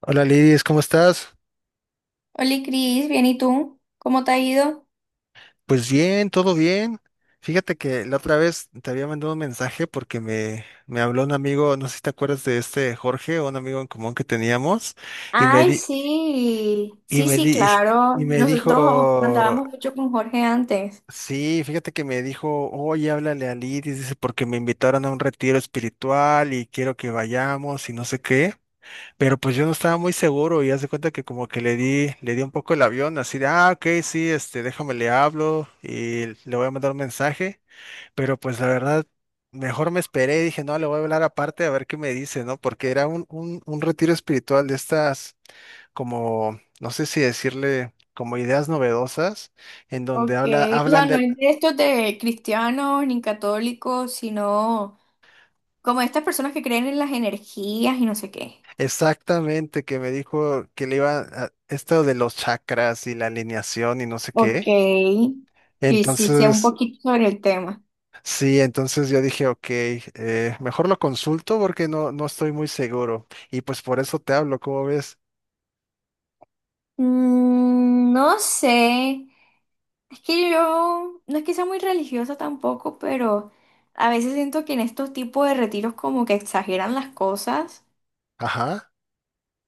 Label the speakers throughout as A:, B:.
A: Hola Lidis, ¿cómo estás?
B: Hola Cris, bien, ¿y tú? ¿Cómo te ha ido?
A: Pues bien, todo bien. Fíjate que la otra vez te había mandado un mensaje porque me habló un amigo, no sé si te acuerdas de este Jorge, un amigo en común que teníamos, y me
B: Ay,
A: di-
B: sí,
A: y
B: sí,
A: me
B: sí,
A: di-
B: claro.
A: y me
B: Nosotros
A: dijo,
B: andábamos mucho con Jorge antes.
A: sí, fíjate que me dijo, oye, háblale a Lidis, dice, porque me invitaron a un retiro espiritual y quiero que vayamos y no sé qué. Pero pues yo no estaba muy seguro y haz de cuenta que como que le di un poco el avión, así de, ah, ok, sí, déjame le hablo y le voy a mandar un mensaje, pero pues la verdad, mejor me esperé, dije, no, le voy a hablar aparte a ver qué me dice, ¿no? Porque era un retiro espiritual de estas, como, no sé si decirle, como ideas novedosas, en donde
B: Ok,
A: habla,
B: o sea,
A: hablan
B: no
A: de,
B: es de estos de cristianos ni católicos, sino como estas personas que creen en las energías y no sé qué.
A: exactamente, que me dijo que le iba a, esto de los chakras y la alineación y no sé
B: Ok.
A: qué.
B: Sí, sí, sé un
A: Entonces.
B: poquito sobre el tema.
A: Sí, entonces yo dije, ok, mejor lo consulto porque no estoy muy seguro. Y pues por eso te hablo, ¿cómo ves?
B: No sé. Es que yo no es que sea muy religiosa tampoco, pero a veces siento que en estos tipos de retiros como que exageran las cosas.
A: Ajá.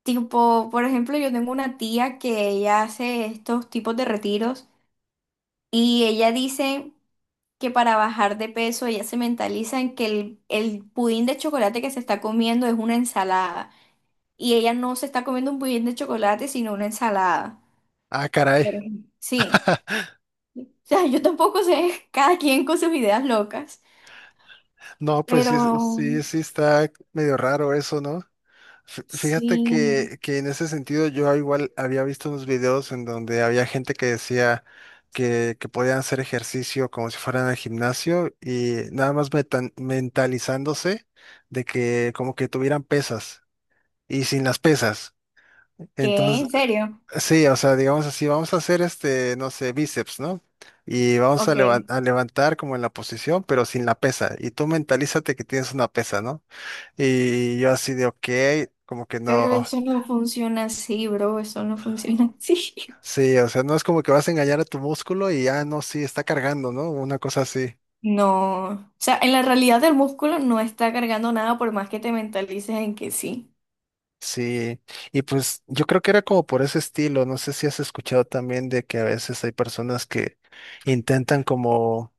B: Tipo, por ejemplo, yo tengo una tía que ella hace estos tipos de retiros y ella dice que para bajar de peso ella se mentaliza en que el pudín de chocolate que se está comiendo es una ensalada y ella no se está comiendo un pudín de chocolate sino una ensalada.
A: Ah, caray.
B: Por ejemplo. Sí. O sea, yo tampoco sé, cada quien con sus ideas locas.
A: No, pues
B: Pero
A: sí, sí, sí, está medio raro eso, ¿no? Fíjate
B: sí,
A: que, en ese sentido yo igual había visto unos videos en donde había gente que decía que podían hacer ejercicio como si fueran al gimnasio y nada más mentalizándose de que como que tuvieran pesas y sin las pesas.
B: ¿qué?
A: Entonces,
B: ¿En serio?
A: sí, o sea, digamos así, vamos a hacer no sé, bíceps, ¿no? Y vamos a,
B: Ok,
A: levan- a levantar como en la posición, pero sin la pesa. Y tú mentalízate que tienes una pesa, ¿no? Y yo así de, ok, como que no,
B: pero eso no funciona así, bro, eso no funciona así.
A: sí, o sea, no es como que vas a engañar a tu músculo y ya no, sí, está cargando, ¿no? Una cosa así.
B: No, o sea, en la realidad el músculo no está cargando nada por más que te mentalices en que sí.
A: Sí, y pues yo creo que era como por ese estilo, no sé si has escuchado también de que a veces hay personas que intentan como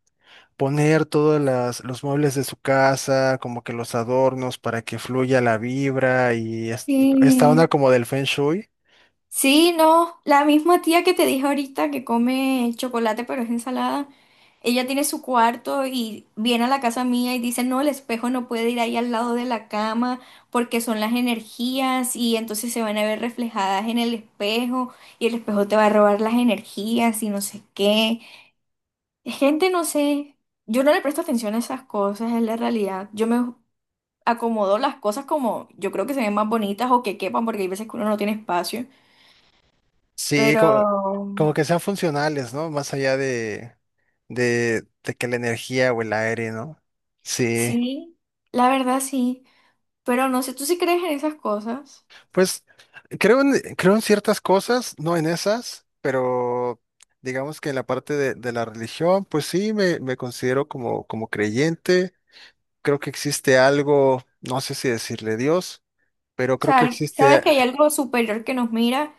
A: poner todos los muebles de su casa, como que los adornos para que fluya la vibra y esta onda
B: Sí.
A: como del Feng Shui.
B: Sí, no, la misma tía que te dije ahorita que come chocolate pero es ensalada, ella tiene su cuarto y viene a la casa mía y dice, no, el espejo no puede ir ahí al lado de la cama porque son las energías y entonces se van a ver reflejadas en el espejo y el espejo te va a robar las energías y no sé qué. Gente, no sé, yo no le presto atención a esas cosas, es la realidad. Yo me acomodo las cosas como yo creo que se ven más bonitas o que quepan porque hay veces que uno no tiene espacio.
A: Sí,
B: Pero
A: como que sean funcionales, ¿no? Más allá de, que la energía o el aire, ¿no? Sí,
B: sí, la verdad sí, pero no sé, ¿tú sí crees en esas cosas?
A: pues creo en ciertas cosas, no en esas, pero digamos que en la parte de, la religión, pues sí, me considero como creyente. Creo que existe algo, no sé si decirle Dios, pero
B: O
A: creo
B: sea,
A: que
B: al- sabes
A: existe,
B: que hay algo superior que nos mira,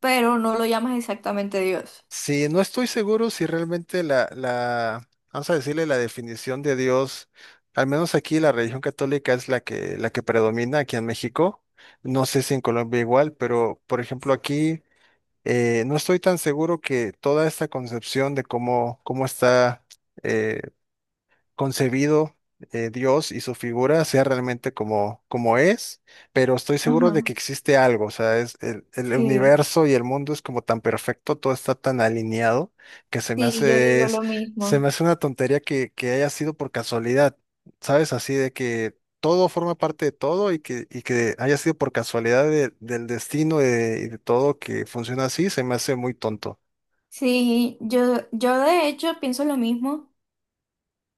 B: pero no lo llamas exactamente Dios.
A: sí, no estoy seguro si realmente vamos a decirle la definición de Dios, al menos aquí la religión católica es la que predomina aquí en México. No sé si en Colombia igual, pero por ejemplo aquí no estoy tan seguro que toda esta concepción de cómo está eh, concebido, Dios y su figura sea realmente como, es, pero estoy seguro de que
B: Ajá.
A: existe algo, o sea, es el
B: Sí,
A: universo, y el mundo es como tan perfecto, todo está tan alineado que se me
B: sí, yo
A: hace,
B: digo lo
A: se
B: mismo.
A: me hace una tontería que, haya sido por casualidad, ¿sabes? Así de que todo forma parte de todo y que haya sido por casualidad del destino y de todo, que funciona así, se me hace muy tonto.
B: Sí, yo de hecho pienso lo mismo.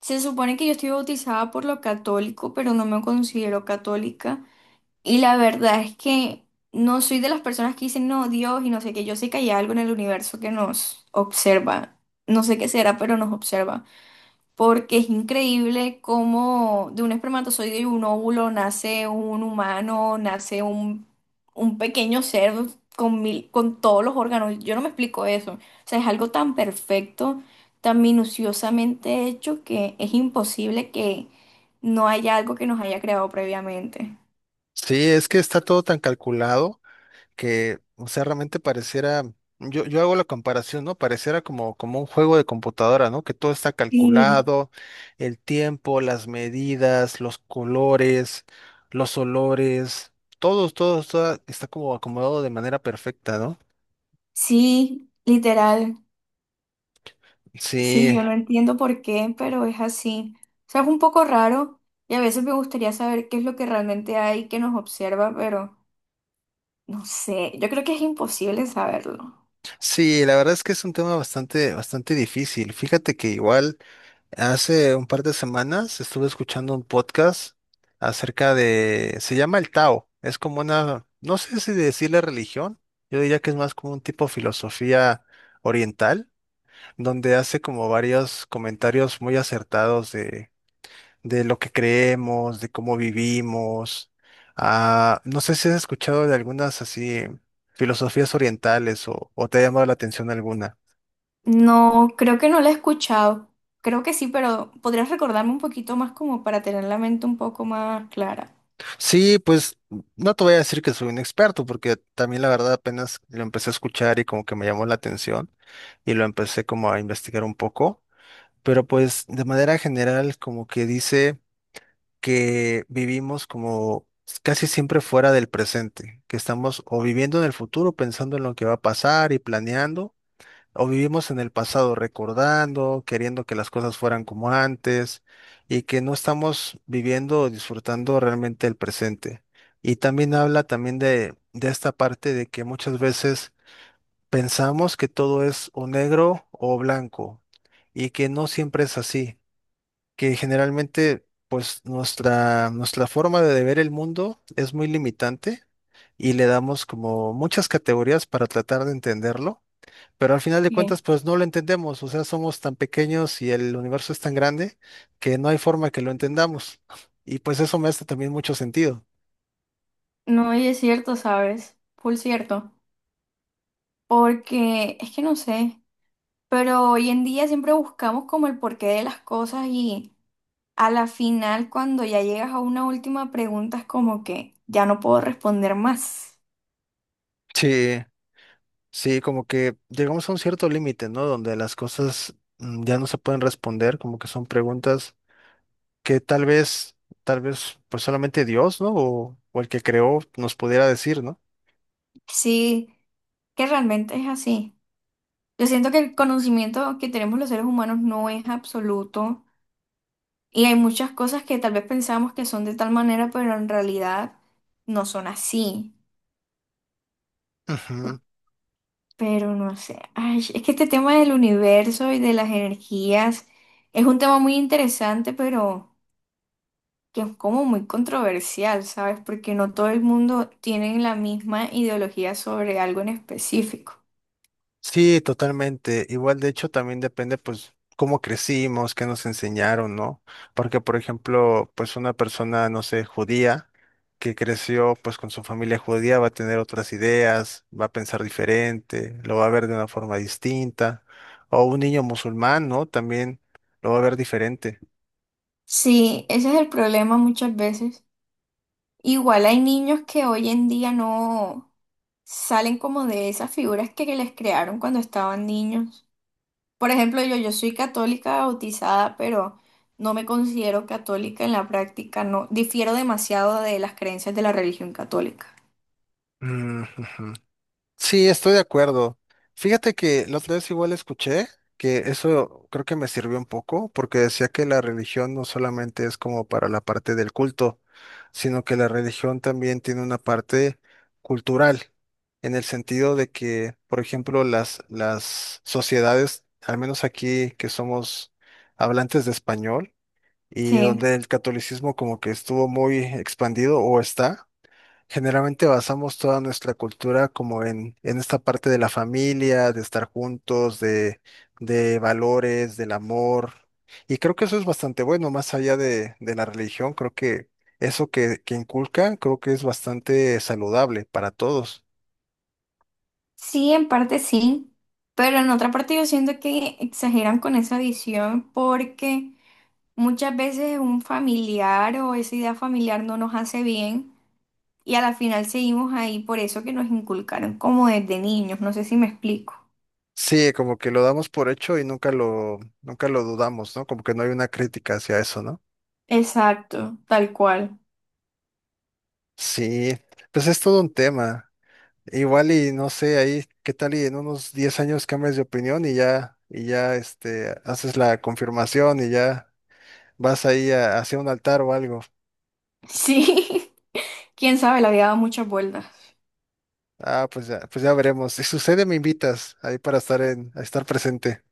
B: Se supone que yo estoy bautizada por lo católico, pero no me considero católica. Y la verdad es que no soy de las personas que dicen, no, Dios y no sé qué. Yo sé que hay algo en el universo que nos observa. No sé qué será, pero nos observa. Porque es increíble cómo de un espermatozoide y un óvulo nace un humano, nace un pequeño ser con mil- con todos los órganos. Yo no me explico eso. O sea, es algo tan perfecto, tan minuciosamente hecho que es imposible que no haya algo que nos haya creado previamente.
A: Sí, es que está todo tan calculado que, o sea, realmente pareciera, yo hago la comparación, ¿no? Pareciera como un juego de computadora, ¿no? Que todo está
B: Sí,
A: calculado, el tiempo, las medidas, los colores, los olores, todo está como acomodado de manera perfecta, ¿no?
B: sí, literal. Sí,
A: Sí,
B: yo no entiendo por qué, pero es así. O sea, es un poco raro y a veces me gustaría saber qué es lo que realmente hay que nos observa, pero no sé, yo creo que es imposible saberlo.
A: sí, la verdad es que es un tema bastante, bastante difícil. Fíjate que igual. Hace un par de semanas estuve escuchando un podcast acerca de, se llama el Tao, es como una, no sé si decirle religión, yo diría que es más como un tipo de filosofía oriental, donde hace como varios comentarios muy acertados de, lo que creemos, de cómo vivimos. Ah, no sé si has escuchado de algunas así filosofías orientales o te ha llamado la atención alguna.
B: No, creo que no la he escuchado. Creo que sí, pero podrías recordarme un poquito más como para tener la mente un poco más clara.
A: Sí, pues no te voy a decir que soy un experto, porque también la verdad apenas lo empecé a escuchar y como que me llamó la atención y lo empecé como a investigar un poco, pero pues de manera general como que dice que vivimos como casi siempre fuera del presente, que estamos o viviendo en el futuro pensando en lo que va a pasar y planeando, o vivimos en el pasado recordando, queriendo que las cosas fueran como antes, y que no estamos viviendo o disfrutando realmente el presente. Y también habla también de, esta parte de que muchas veces pensamos que todo es o negro o blanco y que no siempre es así, que generalmente pues nuestra forma de ver el mundo es muy limitante, y le damos como muchas categorías para tratar de entenderlo, pero al final de
B: Bien.
A: cuentas, pues no lo entendemos, o sea, somos tan pequeños y el universo es tan grande que no hay forma que lo entendamos. Y pues eso me hace también mucho sentido.
B: No, y es cierto, ¿sabes? Full cierto. Porque es que no sé, pero hoy en día siempre buscamos como el porqué de las cosas y… A la final, cuando ya llegas a una última pregunta, es como que ya no puedo responder más.
A: Sí, sí, como que llegamos a un cierto límite, ¿no? Donde las cosas, ya no se pueden responder, como que son preguntas que tal vez, pues solamente Dios, ¿no? O el que creó nos pudiera decir, ¿no?
B: Sí, que realmente es así. Yo siento que el conocimiento que tenemos los seres humanos no es absoluto y hay muchas cosas que tal vez pensamos que son de tal manera, pero en realidad no son así.
A: Ujú.
B: Pero no sé, ay, es que este tema del universo y de las energías es un tema muy interesante, pero… que es como muy controversial, ¿sabes? Porque no todo el mundo tiene la misma ideología sobre algo en específico.
A: Sí, totalmente. Igual, de hecho, también depende, pues, cómo crecimos, qué nos enseñaron, ¿no? Porque, por ejemplo, pues una persona, no sé, judía, que creció, pues, con su familia judía, va a tener otras ideas, va a pensar diferente, lo va a ver de una forma distinta. O un niño musulmán, ¿no? También lo va a ver diferente.
B: Sí, ese es el problema muchas veces. Igual hay niños que hoy en día no salen como de esas figuras que les crearon cuando estaban niños. Por ejemplo, yo soy católica bautizada, pero no me considero católica en la práctica, no difiero demasiado de las creencias de la religión católica.
A: Mm, ujú. Sí, estoy de acuerdo. Fíjate que la otra vez igual escuché que eso creo que me sirvió un poco, porque decía que la religión no solamente es como para la parte del culto, sino que la religión también tiene una parte cultural, en el sentido de que, por ejemplo, las sociedades, al menos aquí que somos hablantes de español y
B: Sí.
A: donde el catolicismo como que estuvo muy expandido o está. Generalmente basamos toda nuestra cultura como en, esta parte de la familia, de estar juntos, de valores, del amor. Y creo que eso es bastante bueno, más allá de la religión, creo que eso que inculcan, creo que es bastante saludable para todos.
B: Sí, en parte sí, pero en otra parte yo siento que exageran con esa edición porque muchas veces un familiar o esa idea familiar no nos hace bien y a la final seguimos ahí por eso que nos inculcaron como desde niños, no sé si me explico.
A: Sí, como que lo damos por hecho y nunca lo dudamos, ¿no? Como que no hay una crítica hacia eso, ¿no?
B: Exacto, tal cual.
A: Sí, pues es todo un tema. Igual y no sé, ahí qué tal y en unos 10 años cambias de opinión, y ya haces la confirmación y ya vas ahí hacia un altar o algo.
B: Sí, quién sabe, la había dado muchas vueltas.
A: Ah, pues ya veremos. Si sucede, me invitas ahí para estar en, a estar presente.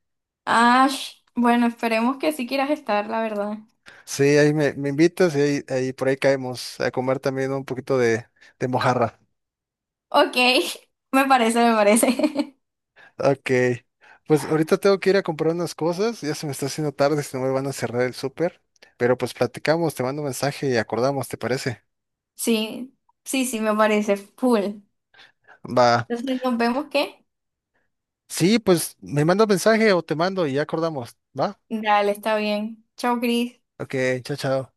B: Ash, bueno, esperemos que sí quieras estar, la verdad.
A: Sí, ahí me invitas y ahí por ahí caemos a comer también un poquito de mojarra.
B: Ok, me parece, me parece.
A: Ok. Pues ahorita tengo que ir a comprar unas cosas, ya se me está haciendo tarde, si no me van a cerrar el súper. Pero pues platicamos, te mando un mensaje y acordamos, ¿te parece?
B: Sí, sí, sí, me parece full.
A: Va.
B: Entonces nos vemos, ¿qué?
A: Sí, pues me manda un mensaje o te mando y ya acordamos, ¿va?
B: Dale, está bien. Chao, Cris.
A: Ok, chao, chao.